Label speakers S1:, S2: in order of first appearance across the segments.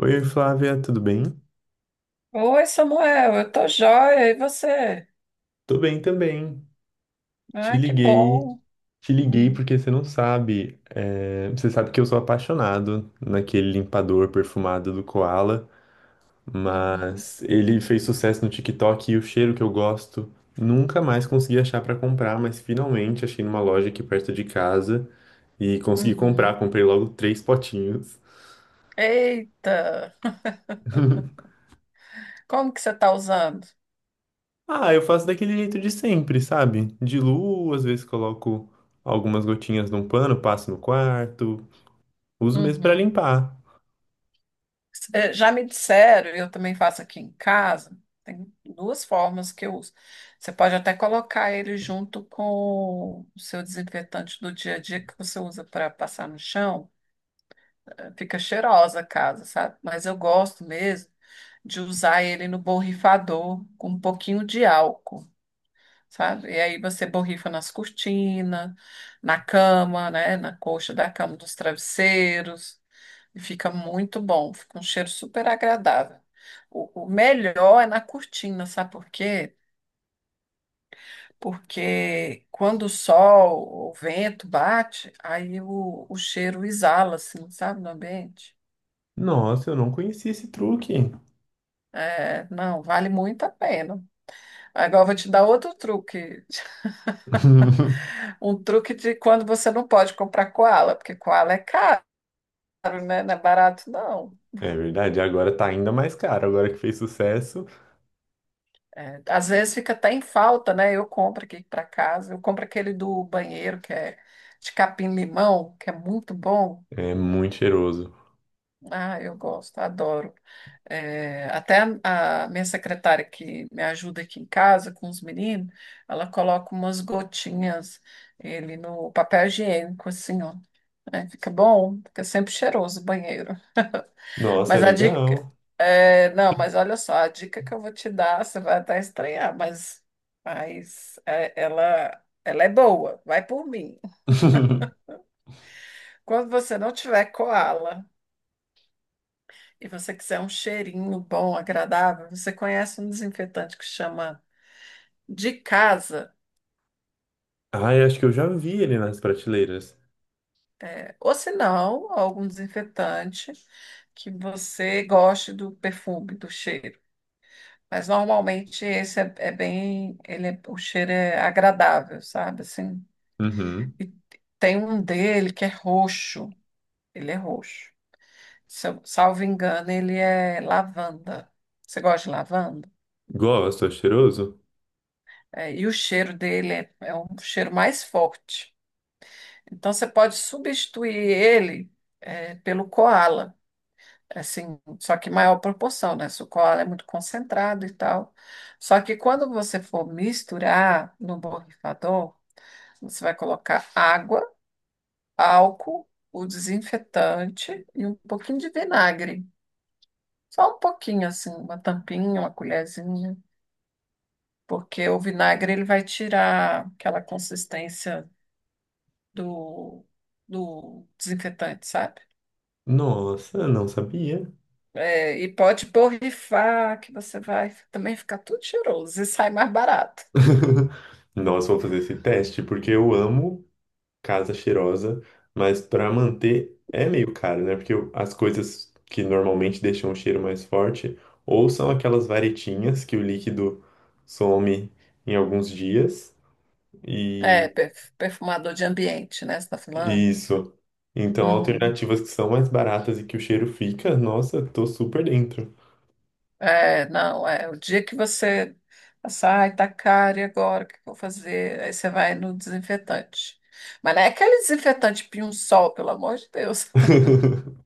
S1: Oi, Flávia, tudo bem?
S2: Oi, Samuel, eu tô joia, e você?
S1: Tô bem também. Te
S2: Ai, que
S1: liguei,
S2: bom.
S1: te liguei
S2: Hum.
S1: porque você não sabe, você sabe que eu sou apaixonado naquele limpador perfumado do Koala,
S2: Uhum.
S1: mas ele fez sucesso no TikTok e o cheiro que eu gosto nunca mais consegui achar pra comprar, mas finalmente achei numa loja aqui perto de casa e consegui
S2: Uhum.
S1: comprar, comprei logo três potinhos.
S2: Eita, como que você tá usando?
S1: Ah, eu faço daquele jeito de sempre, sabe? Diluo, às vezes coloco algumas gotinhas num pano, passo no quarto. Uso mesmo pra
S2: Uhum.
S1: limpar.
S2: Já me disseram, e eu também faço aqui em casa, tem duas formas que eu uso. Você pode até colocar ele junto com o seu desinfetante do dia a dia que você usa para passar no chão. Fica cheirosa a casa, sabe? Mas eu gosto mesmo de usar ele no borrifador com um pouquinho de álcool. Sabe? E aí você borrifa nas cortinas, na cama, né? Na coxa da cama, dos travesseiros. E fica muito bom, fica um cheiro super agradável. O melhor é na cortina, sabe por quê? Porque quando o sol, o vento bate, aí o cheiro exala, assim, sabe, no ambiente.
S1: Nossa, eu não conhecia esse truque.
S2: É, não, vale muito a pena. Agora eu vou te dar outro truque. Um truque de quando você não pode comprar koala, porque koala é caro. Caro, né? Não é barato, não.
S1: É verdade, agora tá ainda mais caro. Agora que fez sucesso,
S2: É, às vezes fica até em falta, né? Eu compro aqui para casa. Eu compro aquele do banheiro, que é de capim-limão, que é muito bom.
S1: é muito cheiroso.
S2: Ah, eu gosto, adoro. É, até a minha secretária que me ajuda aqui em casa com os meninos, ela coloca umas gotinhas ele no papel higiênico, assim, ó. É, fica bom, fica sempre cheiroso o banheiro.
S1: Nossa, é
S2: Mas a dica.
S1: legal.
S2: É, não, mas olha só, a dica que eu vou te dar, você vai até estranhar, mas, mas ela é boa, vai por mim. Quando você não tiver koala e você quiser um cheirinho bom, agradável, você conhece um desinfetante que chama de casa,
S1: Ai, acho que eu já vi ele nas prateleiras.
S2: é, ou se não, algum desinfetante que você goste do perfume, do cheiro. Mas normalmente esse é bem, o cheiro é agradável, sabe? Assim,
S1: Uhum.
S2: e tem um dele que é roxo. Ele é roxo. Se eu- Salvo engano, ele é lavanda. Você gosta de lavanda?
S1: Gosto, é cheiroso?
S2: É, e o cheiro dele é um cheiro mais forte. Então você pode substituir ele pelo coala. Assim, só que maior proporção, né? Se o coala é muito concentrado e tal. Só que quando você for misturar no borrifador, você vai colocar água, álcool, o desinfetante e um pouquinho de vinagre. Só um pouquinho, assim, uma tampinha, uma colherzinha, porque o vinagre ele vai tirar aquela consistência do, do desinfetante, sabe?
S1: Nossa, não sabia.
S2: É, e pode borrifar, que você vai também ficar tudo cheiroso e sai mais barato.
S1: Nossa, vou fazer esse teste porque eu amo casa cheirosa, mas para manter é meio caro, né? Porque as coisas que normalmente deixam o cheiro mais forte ou são aquelas varetinhas que o líquido some em alguns dias
S2: É,
S1: e
S2: perfumador de ambiente, né? Você tá falando?
S1: isso. Então,
S2: Uhum.
S1: alternativas que são mais baratas e que o cheiro fica, nossa, tô super dentro.
S2: É, não, é o dia que você passar, ai, tá caro, e agora o que que eu vou fazer? Aí você vai no desinfetante. Mas não é aquele desinfetante pinho-sol, pelo amor de Deus.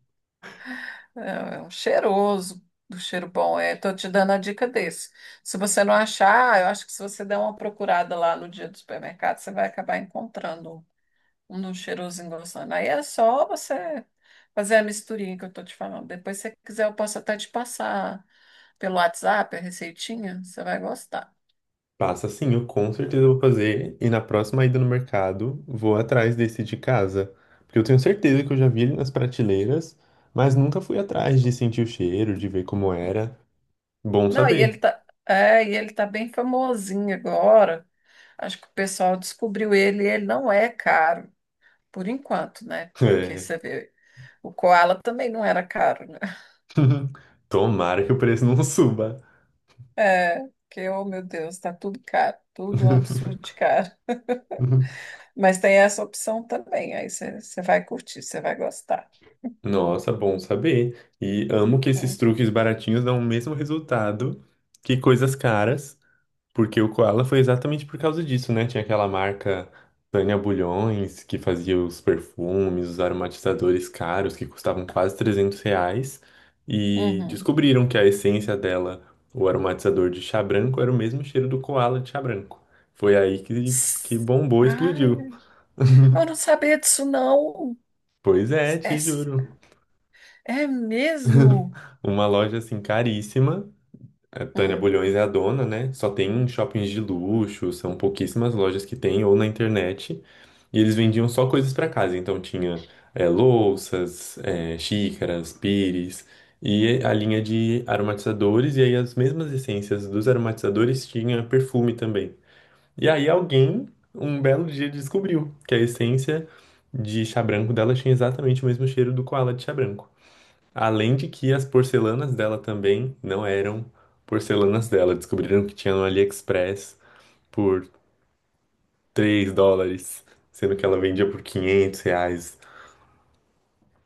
S2: É, é um cheiroso, do cheiro bom. É, tô te dando a dica desse. Se você não achar, eu acho que se você der uma procurada lá no dia do supermercado, você vai acabar encontrando um de um cheirosinho gostando. Aí é só você fazer a misturinha que eu tô te falando. Depois, se você quiser, eu posso até te passar pelo WhatsApp a receitinha, você vai gostar.
S1: Passa sim, eu com certeza vou fazer. E na próxima ida no mercado, vou atrás desse de casa. Porque eu tenho certeza que eu já vi ele nas prateleiras, mas nunca fui atrás de sentir o cheiro, de ver como era. Bom
S2: Não,
S1: saber.
S2: e ele tá bem famosinho agora. Acho que o pessoal descobriu ele e ele não é caro. Por enquanto, né? Porque
S1: É.
S2: você vê, o Koala também não era caro, né?
S1: Tomara que o preço não suba.
S2: É, que, oh meu Deus, tá tudo caro, tudo um absurdo de caro. Mas tem essa opção também, aí você vai curtir, você vai gostar.
S1: Nossa, bom saber. E amo que esses
S2: Né?
S1: truques baratinhos dão o mesmo resultado que coisas caras. Porque o Koala foi exatamente por causa disso, né? Tinha aquela marca Tânia Bulhões, que fazia os perfumes, os aromatizadores caros, que custavam quase R$ 300. E
S2: Uhum.
S1: descobriram que a essência dela, o aromatizador de chá branco, era o mesmo cheiro do Koala de chá branco. Foi aí que
S2: S-
S1: bombou, explodiu.
S2: Ai, eu não sabia disso, não.
S1: Pois é,
S2: É,
S1: te
S2: s-
S1: juro.
S2: É mesmo?
S1: Uma loja assim caríssima. A Tânia
S2: Hum.
S1: Bulhões é a dona, né? Só tem em shoppings de luxo, são pouquíssimas lojas que tem, ou na internet. E eles vendiam só coisas para casa, então tinha louças, xícaras, pires e a linha de aromatizadores, e aí as mesmas essências dos aromatizadores tinha perfume também. E aí alguém, um belo dia, descobriu que a essência de chá branco dela tinha exatamente o mesmo cheiro do koala de chá branco. Além de que as porcelanas dela também não eram porcelanas dela, descobriram que tinha no AliExpress por US$ 3, sendo que ela vendia por R$ 500.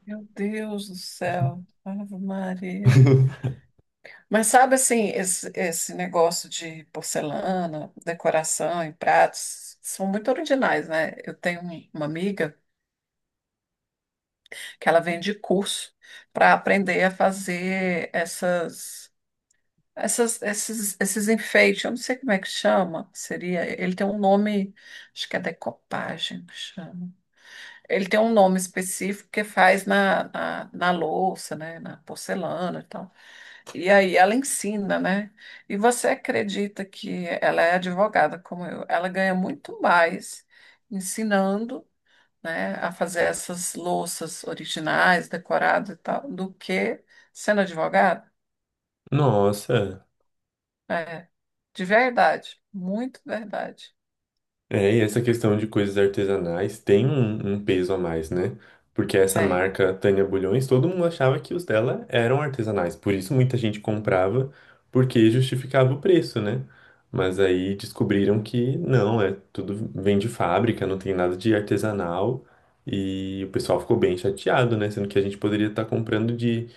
S2: Meu Deus do céu, Ave Maria. Mas sabe assim, esse negócio de porcelana, decoração e pratos são muito originais, né? Uma amiga que ela vende curso para aprender a fazer esses enfeites. Eu não sei como é que chama. Seria, ele tem um nome, acho que é decopagem que chama. Ele tem um nome específico que faz na louça, né? Na porcelana e tal. E aí ela ensina, né? E você acredita que ela é advogada como eu? Ela ganha muito mais ensinando, né, a fazer essas louças originais, decoradas e tal, do que sendo advogada?
S1: Nossa,
S2: É, de verdade, muito verdade.
S1: e essa questão de coisas artesanais tem um peso a mais, né? Porque essa
S2: Tem.
S1: marca Tânia Bulhões, todo mundo achava que os dela eram artesanais, por isso muita gente comprava, porque justificava o preço, né? Mas aí descobriram que não, é tudo vem de fábrica, não tem nada de artesanal, e o pessoal ficou bem chateado, né? Sendo que a gente poderia estar comprando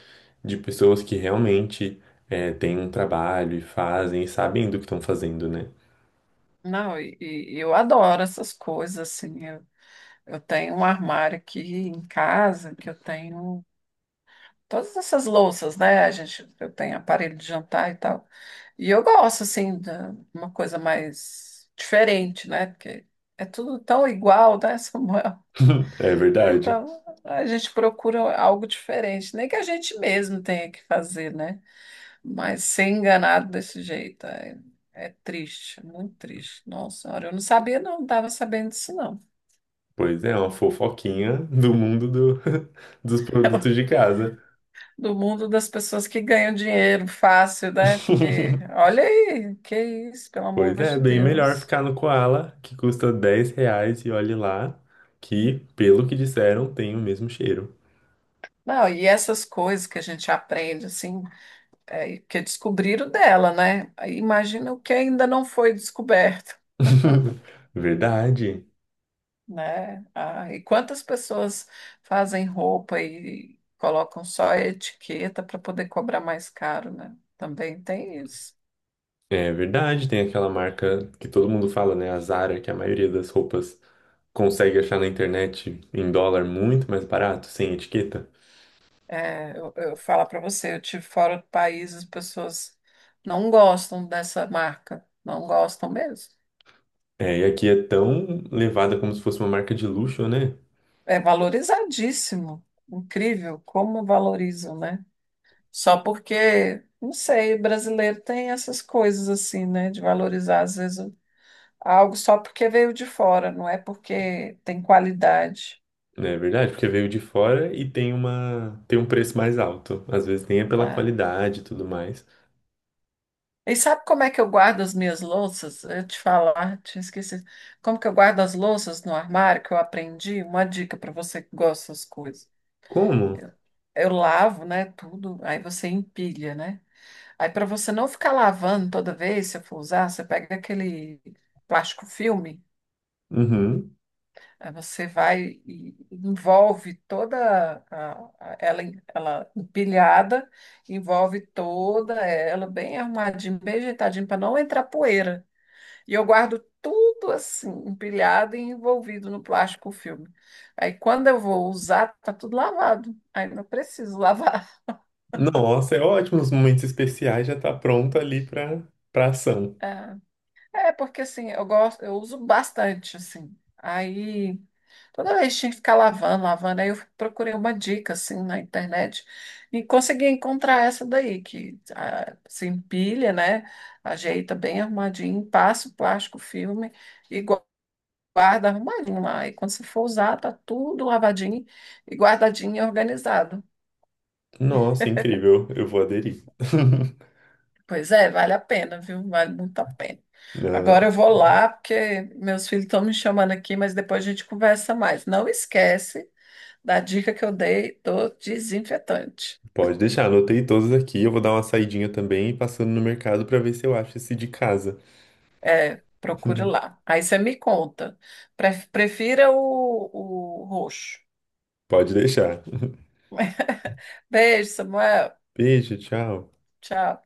S1: de pessoas que realmente têm um trabalho e fazem, e sabem do que estão fazendo, né?
S2: Não, e eu adoro essas coisas, assim. Eu tenho um armário aqui em casa que eu tenho todas essas louças, né? A gente, eu tenho aparelho de jantar e tal. E eu gosto, assim, de uma coisa mais diferente, né? Porque é tudo tão igual, né, Samuel?
S1: É
S2: Ah,
S1: verdade.
S2: então, a gente procura algo diferente, nem que a gente mesmo tenha que fazer, né? Mas ser enganado desse jeito é, é triste, muito triste. Nossa senhora, eu não sabia, não, não estava sabendo disso, não.
S1: Pois é, uma fofoquinha do mundo dos produtos de casa.
S2: Do mundo das pessoas que ganham dinheiro fácil, né? Porque olha aí, que isso, pelo amor
S1: Pois é,
S2: de
S1: bem melhor
S2: Deus.
S1: ficar no Koala, que custa R$ 10 e olhe lá, que, pelo que disseram, tem o mesmo cheiro.
S2: Não, e essas coisas que a gente aprende, assim, é, que descobriram dela, né? Aí imagina o que ainda não foi descoberto,
S1: Verdade.
S2: né? Ah, e quantas pessoas fazem roupa e colocam só a etiqueta para poder cobrar mais caro, né? Também tem isso.
S1: É verdade, tem aquela marca que todo mundo fala, né? A Zara, que a maioria das roupas consegue achar na internet em dólar muito mais barato, sem etiqueta.
S2: É, eu falo para você, eu tive fora do país, as pessoas não gostam dessa marca, não gostam mesmo.
S1: É, e aqui é tão levada como se fosse uma marca de luxo, né?
S2: É valorizadíssimo, incrível como valorizam, né? Só porque, não sei, brasileiro tem essas coisas assim, né? De valorizar às vezes algo só porque veio de fora, não é porque tem qualidade.
S1: Né, é verdade, porque veio de fora e tem tem um preço mais alto. Às vezes nem é pela
S2: Né?
S1: qualidade e tudo mais.
S2: E sabe como é que eu guardo as minhas louças? Eu te falar, tinha esquecido. Como que eu guardo as louças no armário que eu aprendi? Uma dica para você que gosta dessas coisas.
S1: Como?
S2: Eu, eu lavo, né, tudo, aí você empilha, né? Aí para você não ficar lavando toda vez, se eu for usar, você pega aquele plástico filme,
S1: Uhum.
S2: aí você vai e envolve toda a- ela empilhada, envolve toda ela bem arrumadinha, bem ajeitadinha para não entrar poeira. E eu guardo tudo assim, empilhado e envolvido no plástico filme. Aí quando eu vou usar, tá tudo lavado. Aí não preciso lavar.
S1: Nossa, é ótimo. Os momentos especiais já tá pronto ali pra ação.
S2: É, é, porque assim, eu gosto, eu uso bastante assim. Aí toda vez tinha que ficar lavando, lavando. Aí eu procurei uma dica assim na internet e consegui encontrar essa daí que ah, se empilha, né? Ajeita bem arrumadinho, passa o plástico filme e guarda arrumadinho lá. E quando você for usar, tá tudo lavadinho e guardadinho e organizado.
S1: Nossa, incrível. Eu vou aderir.
S2: Pois é, vale a pena, viu? Vale muito a pena.
S1: Não,
S2: Agora eu vou lá, porque meus filhos estão me chamando aqui, mas depois a gente conversa mais. Não esquece da dica que eu dei do desinfetante.
S1: pode deixar, anotei todos aqui. Eu vou dar uma saidinha também e passando no mercado pra ver se eu acho esse de casa.
S2: É, procure lá. Aí você me conta. Prefira o roxo.
S1: Pode deixar.
S2: Beijo, Samuel.
S1: Beijo, tchau.
S2: Tchau.